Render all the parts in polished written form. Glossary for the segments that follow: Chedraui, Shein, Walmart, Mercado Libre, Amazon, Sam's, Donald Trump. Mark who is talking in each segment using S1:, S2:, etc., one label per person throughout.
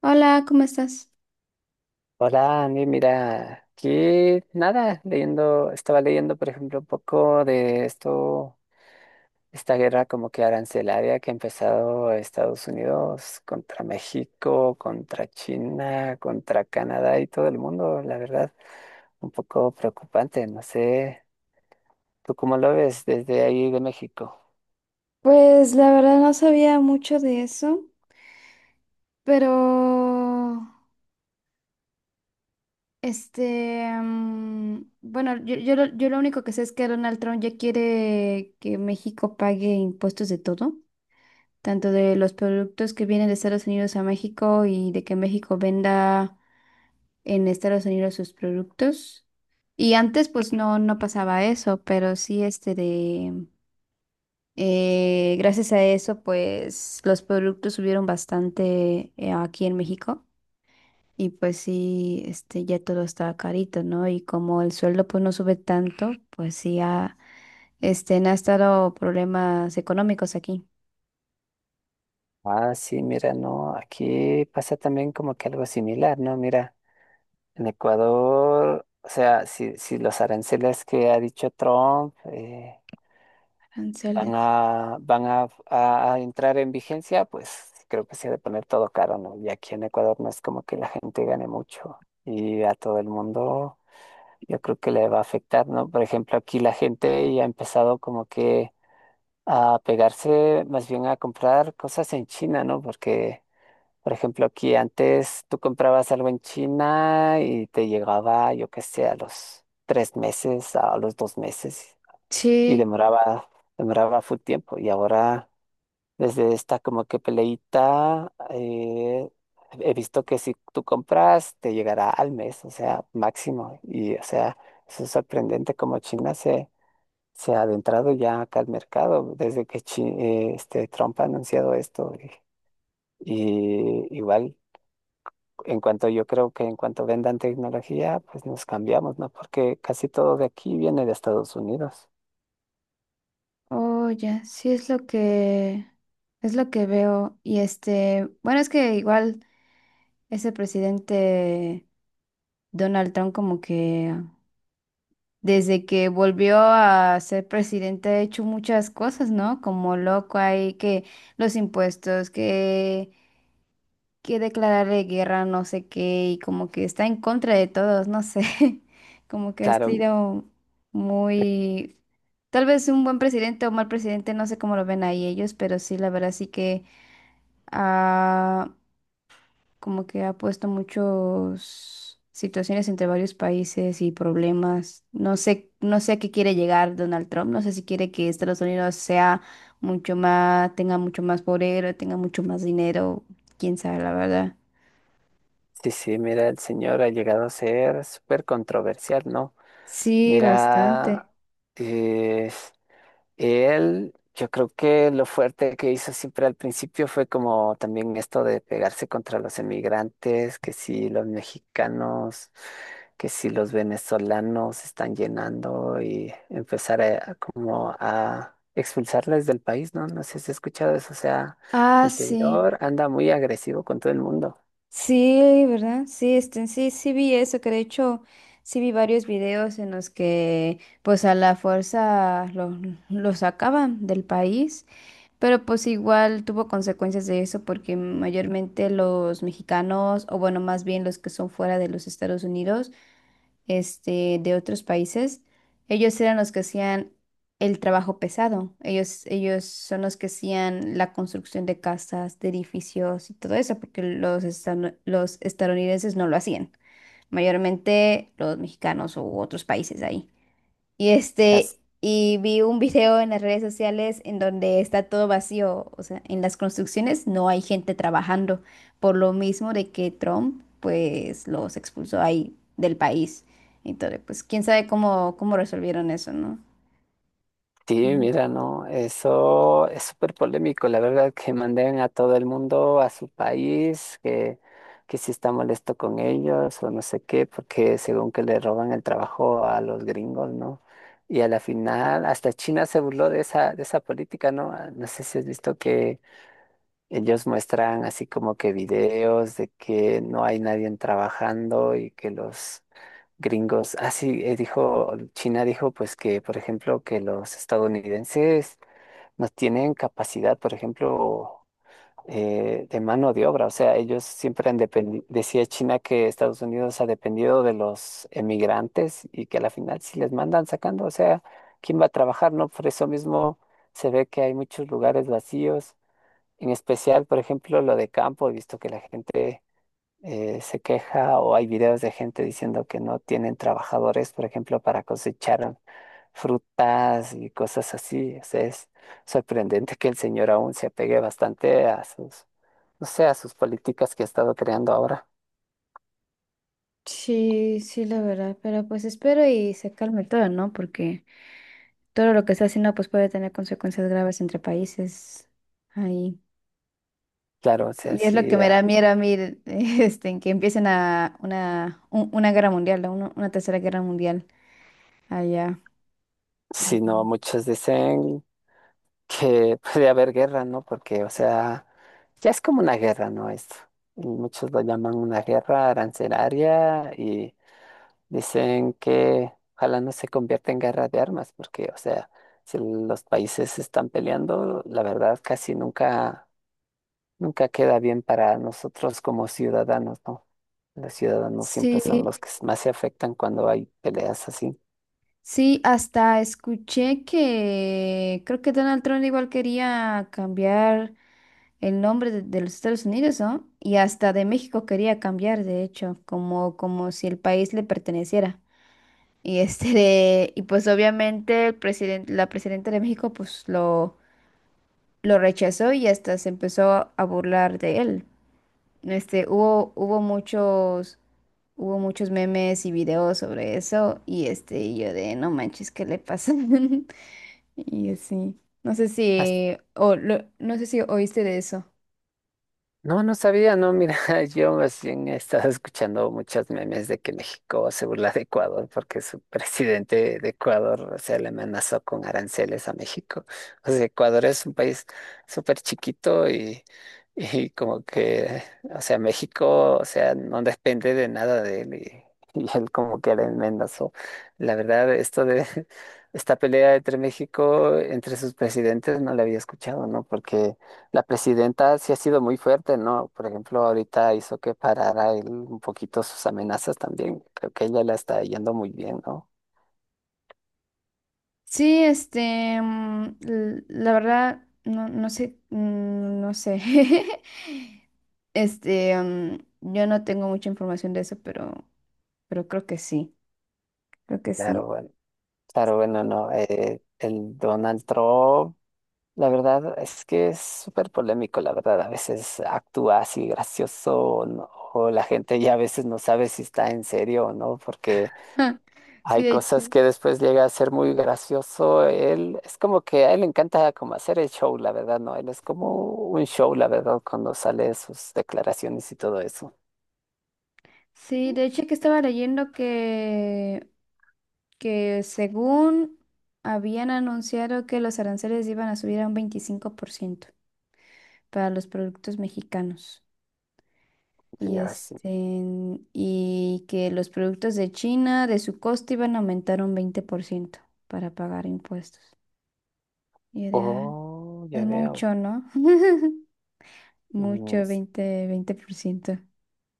S1: Hola, ¿cómo estás?
S2: Hola, Andy, mira, aquí nada, estaba leyendo, por ejemplo, un poco de esto, esta guerra como que arancelaria que ha empezado Estados Unidos contra México, contra China, contra Canadá y todo el mundo, la verdad, un poco preocupante, no sé, ¿tú cómo lo ves desde ahí de México?
S1: Pues la verdad no sabía mucho de eso, pero bueno, yo lo único que sé es que Donald Trump ya quiere que México pague impuestos de todo, tanto de los productos que vienen de Estados Unidos a México y de que México venda en Estados Unidos sus productos. Y antes pues no pasaba eso, pero sí gracias a eso, pues los productos subieron bastante aquí en México. Y pues sí, ya todo está carito, ¿no? Y como el sueldo pues no sube tanto, pues sí han estado problemas económicos aquí.
S2: Ah, sí, mira, no, aquí pasa también como que algo similar, ¿no? Mira. En Ecuador, o sea, si los aranceles que ha dicho Trump, van
S1: Aranceles.
S2: a, van a, a- a entrar en vigencia, pues creo que se ha de poner todo caro, ¿no? Y aquí en Ecuador no es como que la gente gane mucho y a todo el mundo yo creo que le va a afectar, ¿no? Por ejemplo, aquí la gente ya ha empezado como que a pegarse más bien a comprar cosas en China, ¿no? Porque, por ejemplo, aquí antes tú comprabas algo en China y te llegaba, yo qué sé, a los 3 meses, a los 2 meses, y
S1: Sí,
S2: demoraba full tiempo. Y ahora, desde esta como que peleita, he visto que si tú compras, te llegará al mes, o sea, máximo. Y, o sea, eso es sorprendente, como China se ha adentrado ya acá al mercado desde que Trump ha anunciado esto. Y igual. En cuanto, yo creo que en cuanto vendan tecnología, pues nos cambiamos, ¿no? Porque casi todo de aquí viene de Estados Unidos.
S1: oh, ya, sí es lo que veo. Y bueno, es que igual ese presidente Donald Trump como que desde que volvió a ser presidente ha hecho muchas cosas, ¿no? Como loco hay que los impuestos, que declararle guerra, no sé qué, y como que está en contra de todos, no sé. Como que ha
S2: Claro,
S1: sido muy, tal vez un buen presidente o mal presidente, no sé cómo lo ven ahí ellos, pero sí, la verdad sí que como que ha puesto muchas situaciones entre varios países y problemas. No sé a qué quiere llegar Donald Trump, no sé si quiere que Estados Unidos sea mucho más, tenga mucho más poder, tenga mucho más dinero, quién sabe, la verdad.
S2: sí, sí, mira, el señor ha llegado a ser súper controversial, ¿no?
S1: Sí, bastante.
S2: Mira, eh, él, yo creo que lo fuerte que hizo siempre al principio fue como también esto de pegarse contra los emigrantes, que si los mexicanos, que si los venezolanos están llenando, y empezar a, como a expulsarles del país, ¿no? No sé si has escuchado eso, o sea,
S1: Ah,
S2: el
S1: sí.
S2: señor anda muy agresivo con todo el mundo.
S1: Sí, ¿verdad? Sí, sí vi eso, que de hecho sí vi varios videos en los que pues a la fuerza lo sacaban del país. Pero pues igual tuvo consecuencias de eso porque mayormente los mexicanos, o bueno, más bien los que son fuera de los Estados Unidos, de otros países, ellos eran los que hacían el trabajo pesado. Ellos son los que hacían la construcción de casas, de edificios y todo eso, porque los estadounidenses no lo hacían. Mayormente los mexicanos u otros países ahí. Y vi un video en las redes sociales en donde está todo vacío, o sea, en las construcciones no hay gente trabajando, por lo mismo de que Trump, pues, los expulsó ahí del país. Entonces, pues, quién sabe cómo resolvieron eso, ¿no?
S2: Sí,
S1: Mm.
S2: mira, no, eso es súper polémico, la verdad, que manden a todo el mundo a su país, que si está molesto con ellos o no sé qué, porque según que le roban el trabajo a los gringos, ¿no? Y a la final, hasta China se burló de esa política, ¿no? Ah, no sé si has visto, ellos muestran así como que videos de que no hay nadie trabajando y que los gringos, así dijo, China dijo pues que, por ejemplo, que los estadounidenses no tienen capacidad, por ejemplo, de mano de obra, o sea, ellos siempre han dependido, decía China que Estados Unidos ha dependido de los emigrantes y que a la final si les mandan sacando, o sea, ¿quién va a trabajar, no? Por eso mismo se ve que hay muchos lugares vacíos, en especial, por ejemplo, lo de campo, he visto que la gente se queja, o hay videos de gente diciendo que no tienen trabajadores, por ejemplo, para cosechar frutas y cosas así. O sea, es sorprendente que el señor aún se apegue bastante a sus, no sé, a sus políticas que ha estado creando ahora.
S1: Sí, sí, la verdad, pero pues espero y se calme todo, ¿no? Porque todo lo que está haciendo pues puede tener consecuencias graves entre países. Ahí.
S2: Claro, o sea,
S1: Y es lo que
S2: sí,
S1: me da miedo a mí, en que empiecen una guerra mundial, ¿no? Una tercera guerra mundial allá.
S2: si no, muchos dicen que puede haber guerra, ¿no? Porque, o sea, ya es como una guerra, ¿no? Esto. Y muchos lo llaman una guerra arancelaria y dicen que ojalá no se convierta en guerra de armas, porque, o sea, si los países están peleando, la verdad casi nunca queda bien para nosotros como ciudadanos, ¿no? Los ciudadanos siempre
S1: Sí,
S2: son los que más se afectan cuando hay peleas así.
S1: sí, hasta escuché que creo que Donald Trump igual quería cambiar el nombre de los Estados Unidos, ¿no? Y hasta de México quería cambiar, de hecho, como si el país le perteneciera. Y y pues obviamente el presidente, la presidenta de México, pues lo rechazó y hasta se empezó a burlar de él. Este, hubo, hubo muchos, hubo muchos memes y videos sobre eso, y y yo de no manches, ¿qué le pasa? Y así. No sé si, no sé si oíste de eso.
S2: No, no sabía, no, mira, yo más bien he estado escuchando muchos memes de que México se burla de Ecuador porque su presidente de Ecuador, o sea, le amenazó con aranceles a México. O sea, Ecuador es un país súper chiquito y, y como que, o sea, México, o sea, no depende de nada de él, y y él como que le amenazó. La verdad, esto de esta pelea entre México, entre sus presidentes, no la había escuchado, ¿no? Porque la presidenta sí ha sido muy fuerte, ¿no? Por ejemplo, ahorita hizo que parara él un poquito sus amenazas también. Creo que ella la está yendo muy bien, ¿no?
S1: Sí, la verdad, no, no sé, no sé. Este, mm, yo no tengo mucha información de eso, pero creo que sí, creo que sí.
S2: Claro, bueno, claro, bueno, no. El Donald Trump, la verdad es que es súper polémico, la verdad. A veces actúa así gracioso, o no- o la gente ya a veces no sabe si está en serio o no, porque
S1: Sí,
S2: hay
S1: de hecho.
S2: cosas que después llega a ser muy gracioso. Él es como que a él le encanta como hacer el show, la verdad, ¿no? Él es como un show, la verdad, cuando sale sus declaraciones y todo eso.
S1: Sí, de hecho que estaba leyendo que según habían anunciado que los aranceles iban a subir a un 25% para los productos mexicanos. Y
S2: Ya ves.
S1: y que los productos de China, de su costo, iban a aumentar un 20% para pagar impuestos. Y
S2: Oh, ya
S1: es
S2: veo.
S1: mucho, ¿no?
S2: Mm.
S1: Mucho, 20%.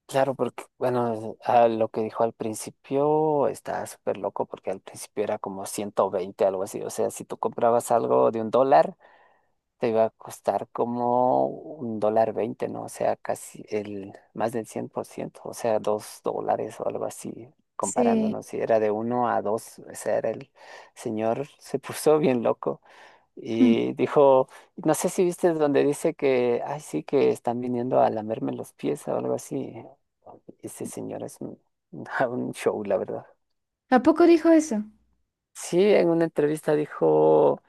S2: Claro, porque, bueno, a lo que dijo al principio está súper loco, porque al principio era como 120, algo así. O sea, si tú comprabas algo de $1, te iba a costar como $1.20, ¿no? O sea, casi el más del 100%. O sea, $2 o algo así,
S1: Sí.
S2: comparándonos. Si era de uno a dos, o sea, era el señor se puso bien loco.
S1: Hmm.
S2: Y dijo, no sé si viste donde dice que, ay, sí, que están viniendo a lamerme los pies o algo así. Ese señor es un, un show, la verdad.
S1: ¿A poco dijo eso?
S2: Sí, en una entrevista dijo,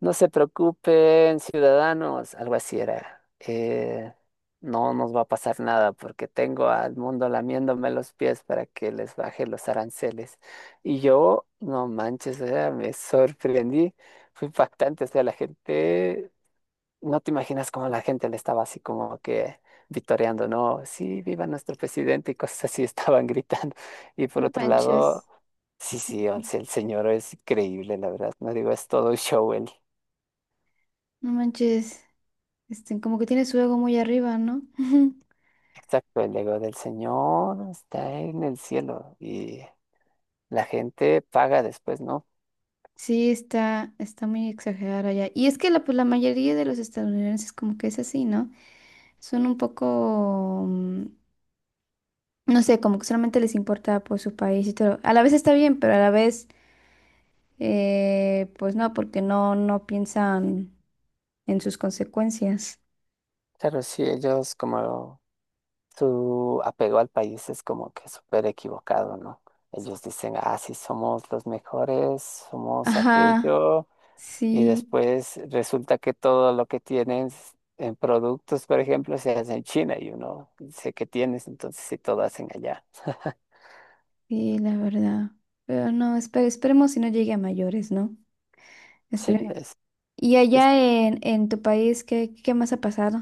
S2: no se preocupen, ciudadanos, algo así era. No nos va a pasar nada porque tengo al mundo lamiéndome los pies para que les baje los aranceles. Y yo, no manches, o sea, me sorprendí, fue impactante, o sea, la gente, no te imaginas cómo la gente le estaba así como que vitoreando, ¿no? Sí, viva nuestro presidente y cosas así estaban gritando. Y por
S1: No
S2: otro
S1: manches.
S2: lado, sí, sí, o sea, el señor es increíble, la verdad. No digo, es todo un show el,
S1: No manches. Como que tiene su ego muy arriba, ¿no?
S2: exacto, el ego del señor está en el cielo y la gente paga después, ¿no?
S1: Sí, está muy exagerada allá. Y es que la, pues, la mayoría de los estadounidenses como que es así, ¿no? Son un poco, no sé, como que solamente les importa por su país y todo. A la vez está bien, pero a la vez, pues no, porque no piensan en sus consecuencias.
S2: Claro, sí, ellos como su apego al país es como que súper equivocado, ¿no? Ellos dicen, ah, sí, somos los mejores, somos
S1: Ajá,
S2: aquello. Y
S1: sí,
S2: después resulta que todo lo que tienes en productos, por ejemplo, se hace en China y uno dice que tienes, entonces sí todo hacen allá.
S1: sí, la verdad. Pero no, esperemos si no llegue a mayores, ¿no?
S2: Sí,
S1: Espere- Y
S2: es-
S1: allá en tu país, qué más ha pasado?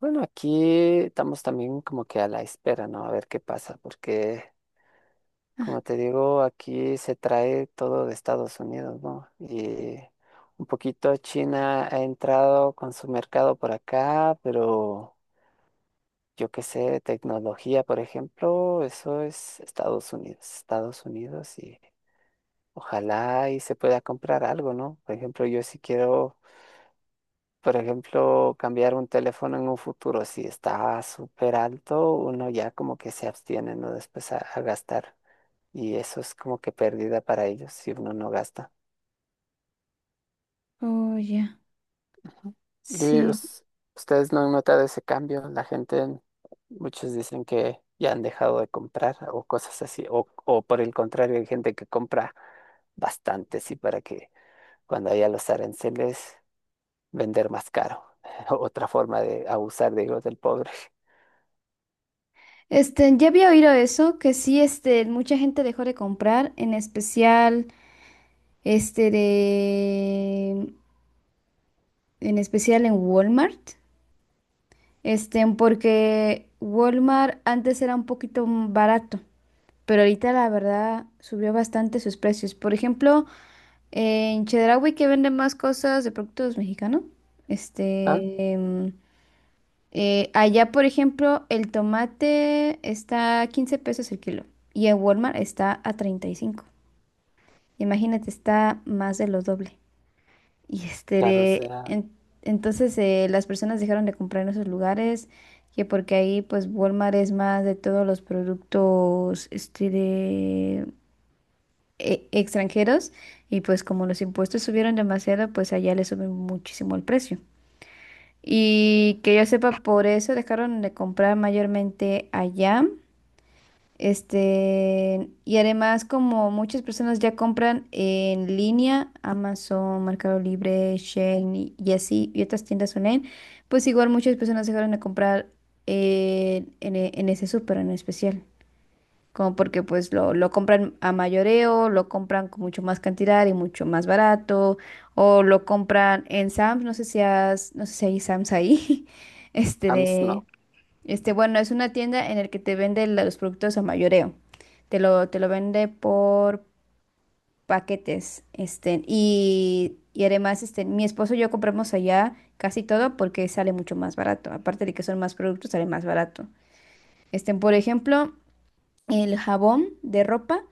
S2: bueno, aquí estamos también como que a la espera, ¿no? A ver qué pasa, porque como te digo, aquí se trae todo de Estados Unidos, ¿no? Y un poquito China ha entrado con su mercado por acá, pero yo qué sé, tecnología, por ejemplo, eso es Estados Unidos, y ojalá y se pueda comprar algo, ¿no? Por ejemplo, yo si quiero, por ejemplo, cambiar un teléfono en un futuro, si está súper alto, uno ya como que se abstiene, ¿no? Después a gastar. Y eso es como que pérdida para ellos si uno no gasta.
S1: Oh, ya.
S2: Ujú. Y
S1: Sí.
S2: us- Ustedes no han notado ese cambio. La gente, muchos dicen que ya han dejado de comprar o cosas así. O por el contrario, hay gente que compra bastantes y para que cuando haya los aranceles, vender más caro. Otra forma de abusar, digo, del pobre.
S1: Ya había oído eso, que sí, este, mucha gente dejó de, comprar, en especial, este, de, en especial en Walmart, porque Walmart antes era un poquito barato, pero ahorita la verdad subió bastante sus precios. Por ejemplo, en Chedraui que venden más cosas de productos mexicanos,
S2: Ah,
S1: este, allá, por ejemplo, el tomate está a 15 pesos el kilo y en Walmart está a 35. Imagínate, está más de lo doble. Y este,
S2: claro,
S1: de-
S2: será.
S1: en- entonces las personas dejaron de comprar en esos lugares, que porque ahí pues Walmart es más de todos los productos extranjeros y pues como los impuestos subieron demasiado, pues allá le suben muchísimo el precio. Y que yo sepa, por eso dejaron de comprar mayormente allá. Y además, como muchas personas ya compran en línea, Amazon, Mercado Libre, Shein y así, y otras tiendas online, pues igual muchas personas dejaron de comprar en ese súper en especial como porque pues lo compran a mayoreo, lo compran con mucho más cantidad y mucho más barato, o lo compran en Sam's, no sé si hay Sam's ahí, este
S2: Hams
S1: de,
S2: no.
S1: bueno, es una tienda en la que te vende los productos a mayoreo, te lo vende por paquetes, y además, mi esposo y yo compramos allá casi todo porque sale mucho más barato, aparte de que son más productos, sale más barato. Por ejemplo, el jabón de ropa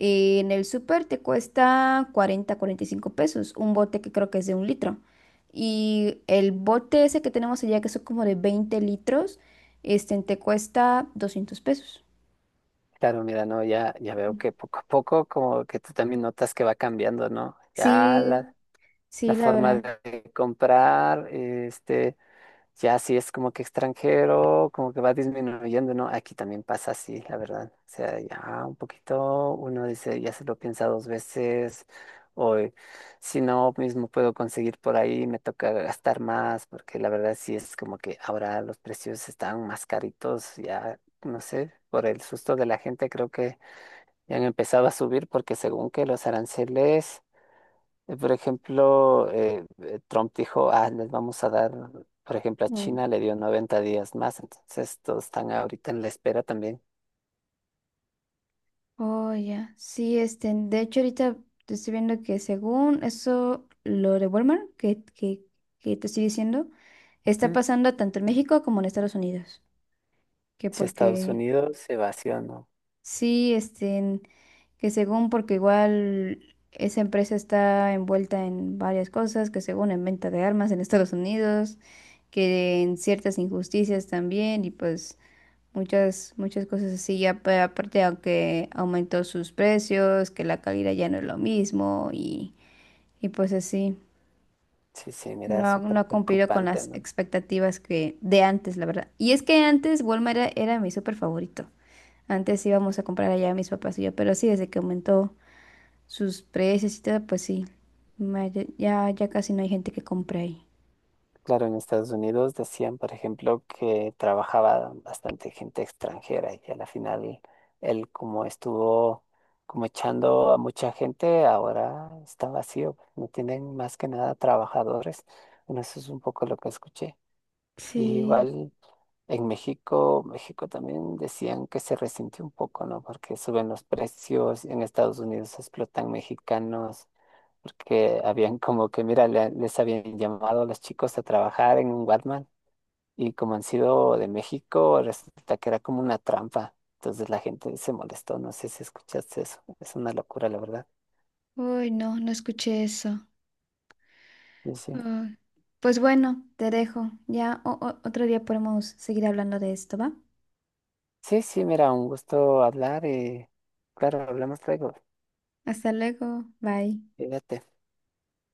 S1: en el súper te cuesta 40 45 pesos, un bote que creo que es de un litro. Y el bote ese que tenemos allá, que son como de 20 litros, te cuesta 200 pesos.
S2: Claro, mira, no, ya, ya veo que poco a poco como que tú también notas que va cambiando, ¿no? Ya la,
S1: Sí,
S2: la
S1: sí, la
S2: forma
S1: verdad.
S2: de comprar, este, ya si es como que extranjero, como que va disminuyendo, ¿no? Aquí también pasa así, la verdad. O sea, ya un poquito uno dice, ya se lo piensa dos veces, o si no, mismo puedo conseguir por ahí, me toca gastar más, porque la verdad sí es como que ahora los precios están más caritos, ya no sé, por el susto de la gente creo que ya han empezado a subir, porque según que los aranceles. Por ejemplo, Trump dijo, ah, les vamos a dar, por ejemplo, a
S1: Ujú.
S2: China le dio 90 días más, entonces todos están ahorita en la espera también.
S1: Oh, ya. Sí, de hecho ahorita te estoy viendo que según eso, lo de Walmart que te estoy diciendo, está
S2: Mm.
S1: pasando tanto en México como en Estados Unidos. Que
S2: Si Estados
S1: porque...
S2: Unidos se vació, no.
S1: Sí, que según, porque igual esa empresa está envuelta en varias cosas, que según en venta de armas en Estados Unidos, que en ciertas injusticias también, y pues muchas, muchas cosas así. Ya aparte, aunque aumentó sus precios, que la calidad ya no es lo mismo, y pues así.
S2: Sí, sí,
S1: No,
S2: mira,
S1: no
S2: súper
S1: ha cumplido con
S2: preocupante,
S1: las
S2: ¿no?
S1: expectativas que de antes, la verdad. Y es que antes Walmart era mi súper favorito. Antes íbamos a comprar allá mis papás y yo, pero sí, desde que aumentó sus precios y todo, pues sí, ya casi no hay gente que compre ahí.
S2: Claro, en Estados Unidos decían, por ejemplo, que trabajaba bastante gente extranjera y a la final él como estuvo como echando a mucha gente, ahora está vacío, no tienen más que nada trabajadores. Bueno, eso es un poco lo que escuché. Y
S1: Sí.
S2: igual en México también decían que se resintió un poco, ¿no? Porque suben los precios, en Estados Unidos explotan mexicanos, porque habían como que, mira, les habían llamado a los chicos a trabajar en un Walmart, y como han sido de México, resulta que era como una trampa. Entonces la gente se molestó, no sé si escuchaste eso, es una locura, la verdad.
S1: Uy, no, no escuché eso.
S2: Y sí,
S1: Ah, pues bueno, te dejo. Ya otro día podemos seguir hablando de esto, ¿va?
S2: sí, sí, mira, un gusto hablar, y claro, hablamos luego.
S1: Hasta luego. Bye.
S2: Cuídate.